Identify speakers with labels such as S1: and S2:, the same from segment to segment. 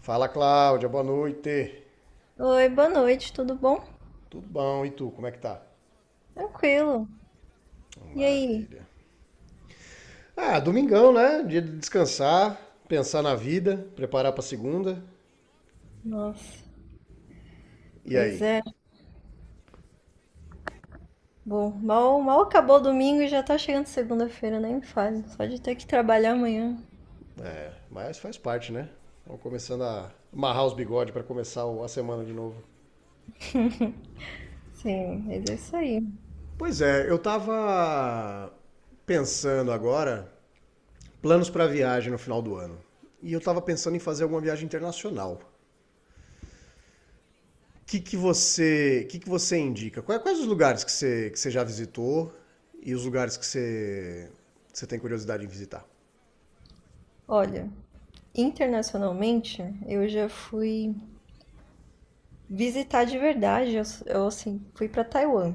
S1: Fala, Cláudia, boa noite.
S2: Oi, boa noite, tudo bom?
S1: Tudo bom? E tu, como é que tá?
S2: Tranquilo. E aí?
S1: Maravilha. Ah, domingão, né? Dia de descansar, pensar na vida, preparar pra segunda.
S2: Nossa,
S1: E
S2: pois
S1: aí?
S2: é. Bom, mal acabou o domingo e já tá chegando segunda-feira, nem me fale. Só de ter que trabalhar amanhã.
S1: É, mas faz parte, né? Vamos começando a amarrar os bigodes pra começar a semana de novo.
S2: Sim, mas é isso aí.
S1: Pois é, eu tava pensando agora planos pra viagem no final do ano. E eu tava pensando em fazer alguma viagem internacional. Que que você indica? Quais os lugares que você já visitou e os lugares que você tem curiosidade em visitar?
S2: Olha, internacionalmente, eu já fui visitar de verdade. Eu, assim, fui pra Taiwan.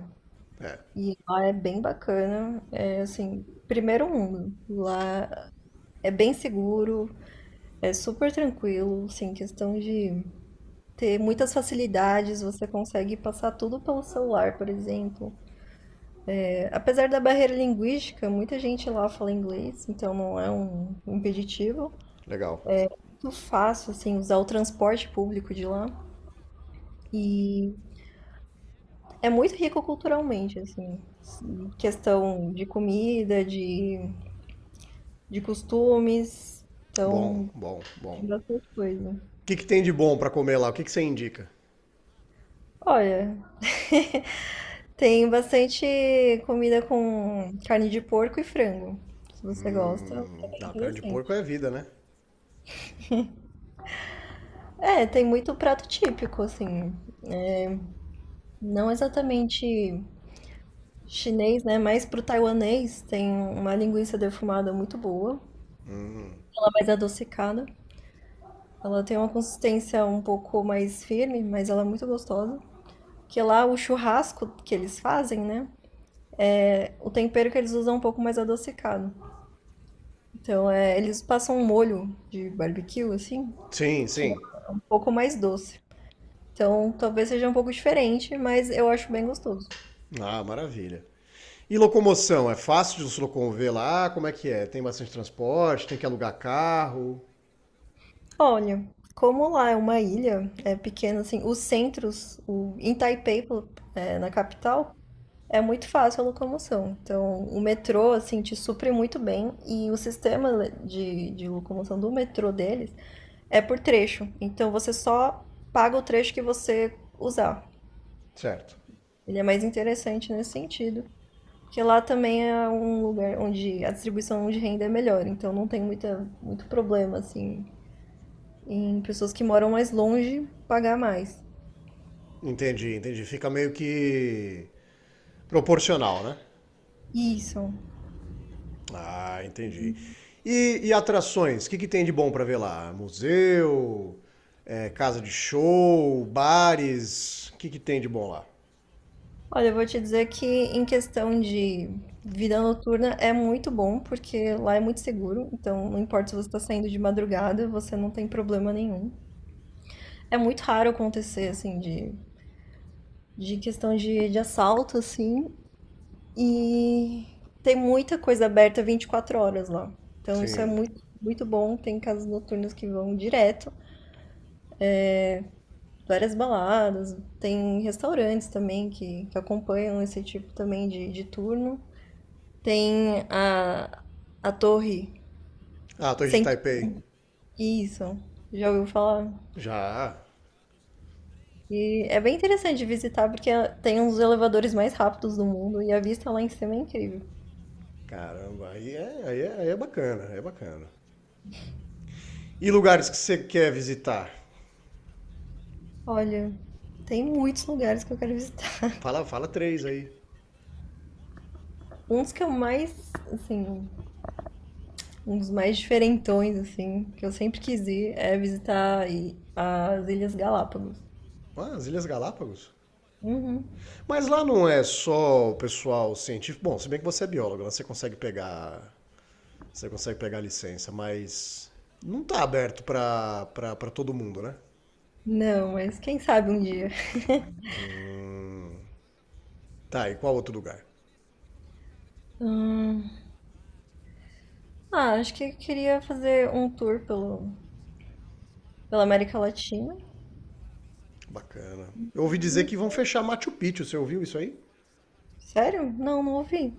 S1: É,
S2: E lá é bem bacana. É, assim, primeiro mundo. Lá é bem seguro, é super tranquilo, assim, questão de ter muitas facilidades, você consegue passar tudo pelo celular, por exemplo. É, apesar da barreira linguística, muita gente lá fala inglês, então não é um impeditivo.
S1: legal.
S2: Muito fácil, assim, usar o transporte público de lá. E é muito rico culturalmente, assim, questão de comida, de costumes,
S1: Bom,
S2: então
S1: bom, bom.
S2: tem bastante coisa.
S1: O que que tem de bom para comer lá? O que que você indica?
S2: Olha, tem bastante comida com carne de porco e frango. Se você gosta, é bem
S1: Ah, carne de porco é
S2: interessante.
S1: vida, né?
S2: É, tem muito prato típico, assim. Não exatamente chinês, né? Mas pro taiwanês tem uma linguiça defumada muito boa, ela é mais adocicada. Ela tem uma consistência um pouco mais firme, mas ela é muito gostosa. Que lá o churrasco que eles fazem, né? O tempero que eles usam é um pouco mais adocicado. Então, é, eles passam um molho de barbecue, assim,
S1: Sim, sim.
S2: um pouco mais doce. Então, talvez seja um pouco diferente, mas eu acho bem gostoso.
S1: Ah, maravilha. E locomoção? É fácil de se locomover lá? Como é que é? Tem bastante transporte? Tem que alugar carro?
S2: Olha, como lá é uma ilha, é pequena, assim, os centros, em Taipei, é, na capital, é muito fácil a locomoção. Então, o metrô, assim, te supre muito bem e o sistema de locomoção do metrô deles é por trecho. Então, você só paga o trecho que você usar.
S1: Certo.
S2: Ele é mais interessante nesse sentido. Porque lá também é um lugar onde a distribuição de renda é melhor, então não tem muita, muito problema, assim, em pessoas que moram mais longe pagar mais.
S1: Entendi, entendi. Fica meio que proporcional, né?
S2: Isso.
S1: Ah, entendi. E atrações? O que que tem de bom para ver lá? Museu, é, casa de show, bares? O que que tem de bom lá?
S2: Olha, eu vou te dizer que em questão de vida noturna é muito bom, porque lá é muito seguro, então não importa se você está saindo de madrugada, você não tem problema nenhum. É muito raro acontecer, assim, de questão de assalto, assim. E tem muita coisa aberta 24 horas lá. Então isso é
S1: Sim.
S2: muito, muito bom. Tem casas noturnas que vão direto, várias baladas, tem restaurantes também que acompanham esse tipo também de turno. Tem a torre
S1: Ah, Torre de
S2: sem
S1: Taipei.
S2: isso, já ouviu falar?
S1: Já.
S2: E é bem interessante de visitar porque tem um dos elevadores mais rápidos do mundo e a vista lá em cima é incrível.
S1: Caramba, aí é bacana, aí é bacana. E lugares que você quer visitar?
S2: Olha, tem muitos lugares que eu quero visitar.
S1: Fala, fala três aí.
S2: Um dos que eu mais, assim, Um dos mais diferentões, assim, que eu sempre quis ir é visitar aí as Ilhas Galápagos.
S1: Ah, as Ilhas Galápagos.
S2: Uhum.
S1: Mas lá não é só o pessoal científico. Bom, se bem que você é biólogo, lá você consegue pegar a licença, mas não tá aberto pra todo mundo, né?
S2: Não, mas quem sabe um dia.
S1: Tá, e qual outro lugar?
S2: Hum. Ah, acho que eu queria fazer um tour pelo, pela América Latina.
S1: Bacana. Eu ouvi dizer
S2: Não-
S1: que vão fechar Machu Picchu, você ouviu isso aí?
S2: Sério? Não, não ouvi.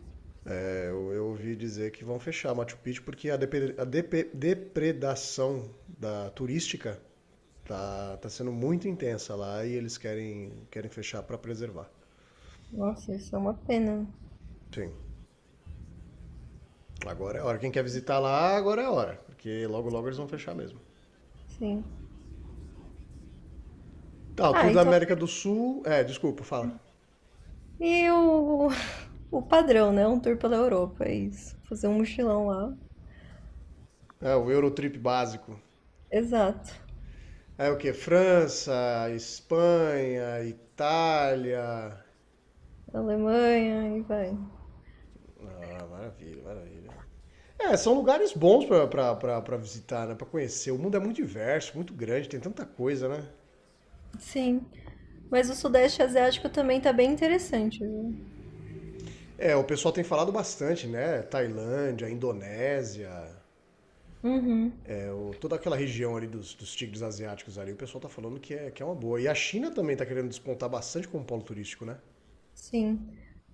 S1: É, eu ouvi dizer que vão fechar Machu Picchu porque a depredação da turística tá sendo muito intensa lá e eles querem fechar pra preservar.
S2: Nossa, isso é uma pena.
S1: Sim, agora é hora. Quem quer visitar lá, agora é hora, porque logo logo eles vão fechar mesmo.
S2: Sim.
S1: Tá, o Tour
S2: Ah,
S1: da
S2: então.
S1: América do Sul. É, desculpa, fala.
S2: E o, o padrão, né? Um tour pela Europa, é isso. Fazer um mochilão lá.
S1: É, o Eurotrip básico.
S2: Exato.
S1: É o quê? França, Espanha, Itália.
S2: Alemanha e vai.
S1: Ah, maravilha, maravilha. É, são lugares bons pra visitar, né? Pra conhecer. O mundo é muito diverso, muito grande, tem tanta coisa, né?
S2: Sim. Mas o Sudeste Asiático também tá bem interessante, viu?
S1: É, o pessoal tem falado bastante, né? Tailândia, Indonésia,
S2: Uhum,
S1: é, toda aquela região ali dos tigres asiáticos ali, o pessoal tá falando que é uma boa. E a China também tá querendo despontar bastante como polo turístico, né?
S2: sim.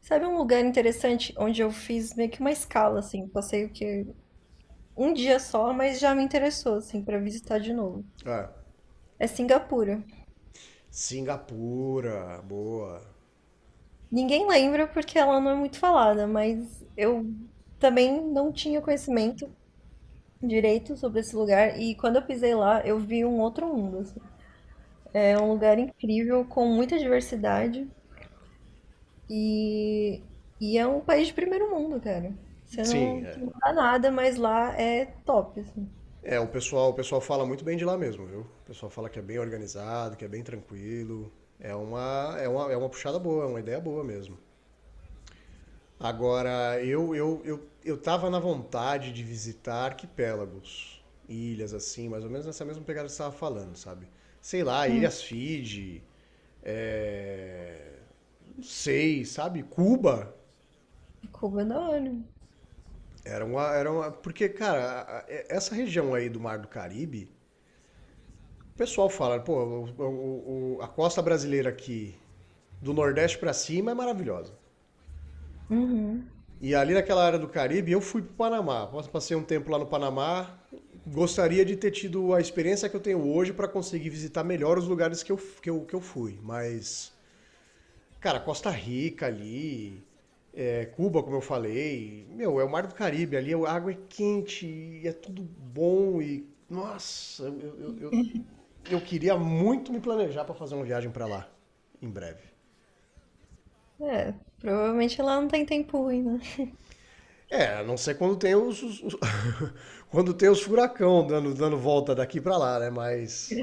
S2: Sabe um lugar interessante onde eu fiz meio que uma escala, assim, passei o que um dia só, mas já me interessou, assim, pra visitar de novo.
S1: É.
S2: É Singapura.
S1: Singapura, boa.
S2: Ninguém lembra porque ela não é muito falada, mas eu também não tinha conhecimento direito sobre esse lugar e quando eu pisei lá, eu vi um outro mundo, assim. É um lugar incrível com muita diversidade. E e é um país de primeiro mundo, cara.
S1: Sim,
S2: Você
S1: é.
S2: não dá nada, mas lá é top, assim.
S1: É, o pessoal fala muito bem de lá mesmo, viu? O pessoal fala que é bem organizado, que é bem tranquilo. É uma puxada boa, é uma ideia boa mesmo. Agora, eu tava na vontade de visitar arquipélagos, ilhas assim, mais ou menos nessa mesma pegada que você estava falando, sabe? Sei lá,
S2: Hum.
S1: Ilhas Fiji, é, não sei, sabe? Cuba.
S2: Cuba é da hora.
S1: Era uma, era uma. Porque, cara, essa região aí do Mar do Caribe. O pessoal fala, pô, a costa brasileira aqui, do Nordeste pra cima, é maravilhosa.
S2: Uhum.
S1: E ali naquela área do Caribe, eu fui pro Panamá. Passei um tempo lá no Panamá. Gostaria de ter tido a experiência que eu tenho hoje pra conseguir visitar melhor os lugares que eu fui. Mas, cara, Costa Rica ali, é, Cuba, como eu falei, meu, é o Mar do Caribe. Ali a água é quente e é tudo bom. E, nossa, eu queria muito me planejar para fazer uma viagem para lá, em breve.
S2: É, provavelmente lá não tem tempo ruim, né?
S1: É, a não ser quando tem quando tem os furacão dando volta daqui para lá, né? Mas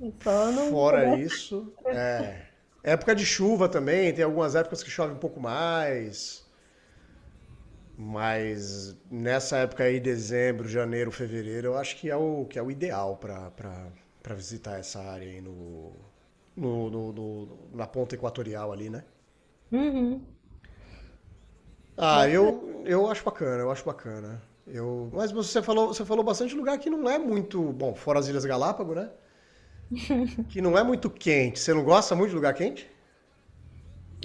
S2: É só não
S1: fora
S2: pegar.
S1: isso, é época de chuva também. Tem algumas épocas que chove um pouco mais, mas nessa época aí, dezembro, janeiro, fevereiro, eu acho que é o ideal para visitar essa área aí na ponta equatorial ali, né?
S2: Uhum.
S1: Ah,
S2: Bacana.
S1: eu acho bacana, eu acho bacana. Mas você falou, bastante lugar que não é muito, bom, fora as Ilhas Galápagos, né? Que não é muito quente. Você não gosta muito de lugar quente?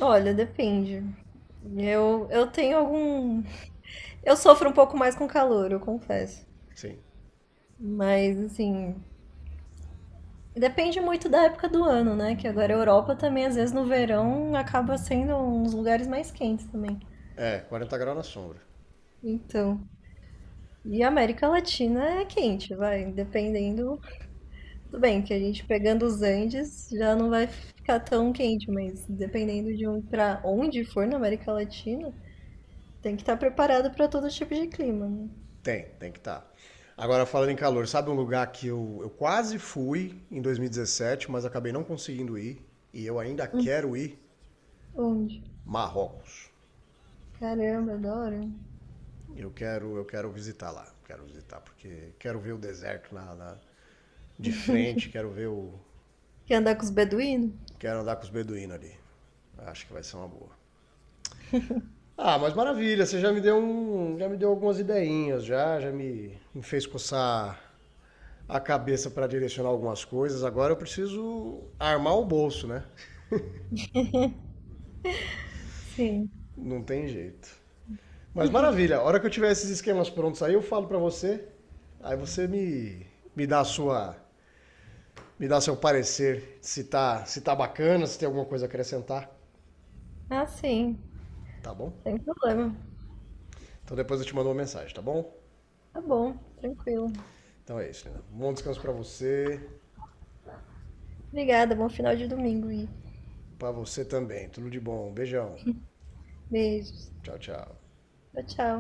S2: Olha, depende. Eu tenho algum. Eu sofro um pouco mais com calor, eu confesso.
S1: Sim.
S2: Mas, assim. Depende muito da época do ano, né? Que agora a Europa também, às vezes no verão, acaba sendo uns lugares mais quentes também.
S1: É, 40 graus na sombra.
S2: Então. E a América Latina é quente, vai, dependendo. Tudo bem que a gente pegando os Andes já não vai ficar tão quente, mas dependendo de um para onde for na América Latina, tem que estar preparado para todo tipo de clima, né?
S1: Tem, tem que estar. Agora, falando em calor, sabe um lugar que eu quase fui em 2017, mas acabei não conseguindo ir, e eu ainda
S2: Hum.
S1: quero ir?
S2: Onde?
S1: Marrocos.
S2: Caramba, adoro.
S1: Eu quero visitar lá. Quero visitar, porque quero ver o deserto de frente,
S2: Quer andar com os beduínos?
S1: quero andar com os beduínos ali. Acho que vai ser uma boa. Ah, mas maravilha, você já me deu um, já me deu algumas ideinhas, já me fez coçar a cabeça para direcionar algumas coisas. Agora eu preciso armar o bolso, né?
S2: Sim.
S1: Não tem jeito. Mas maravilha, a hora que eu tiver esses esquemas prontos aí, eu falo para você. Aí você me dá me dá seu parecer, se tá bacana, se tem alguma coisa a acrescentar,
S2: Ah, sim.
S1: tá bom?
S2: Sem problema.
S1: Então depois eu te mando uma mensagem, tá bom?
S2: Tá bom, tranquilo.
S1: Então é isso, Lina. Bom descanso
S2: Obrigada, bom final de domingo e
S1: para você também. Tudo de bom. Um beijão.
S2: beijos.
S1: Tchau, tchau.
S2: Tchau, tchau.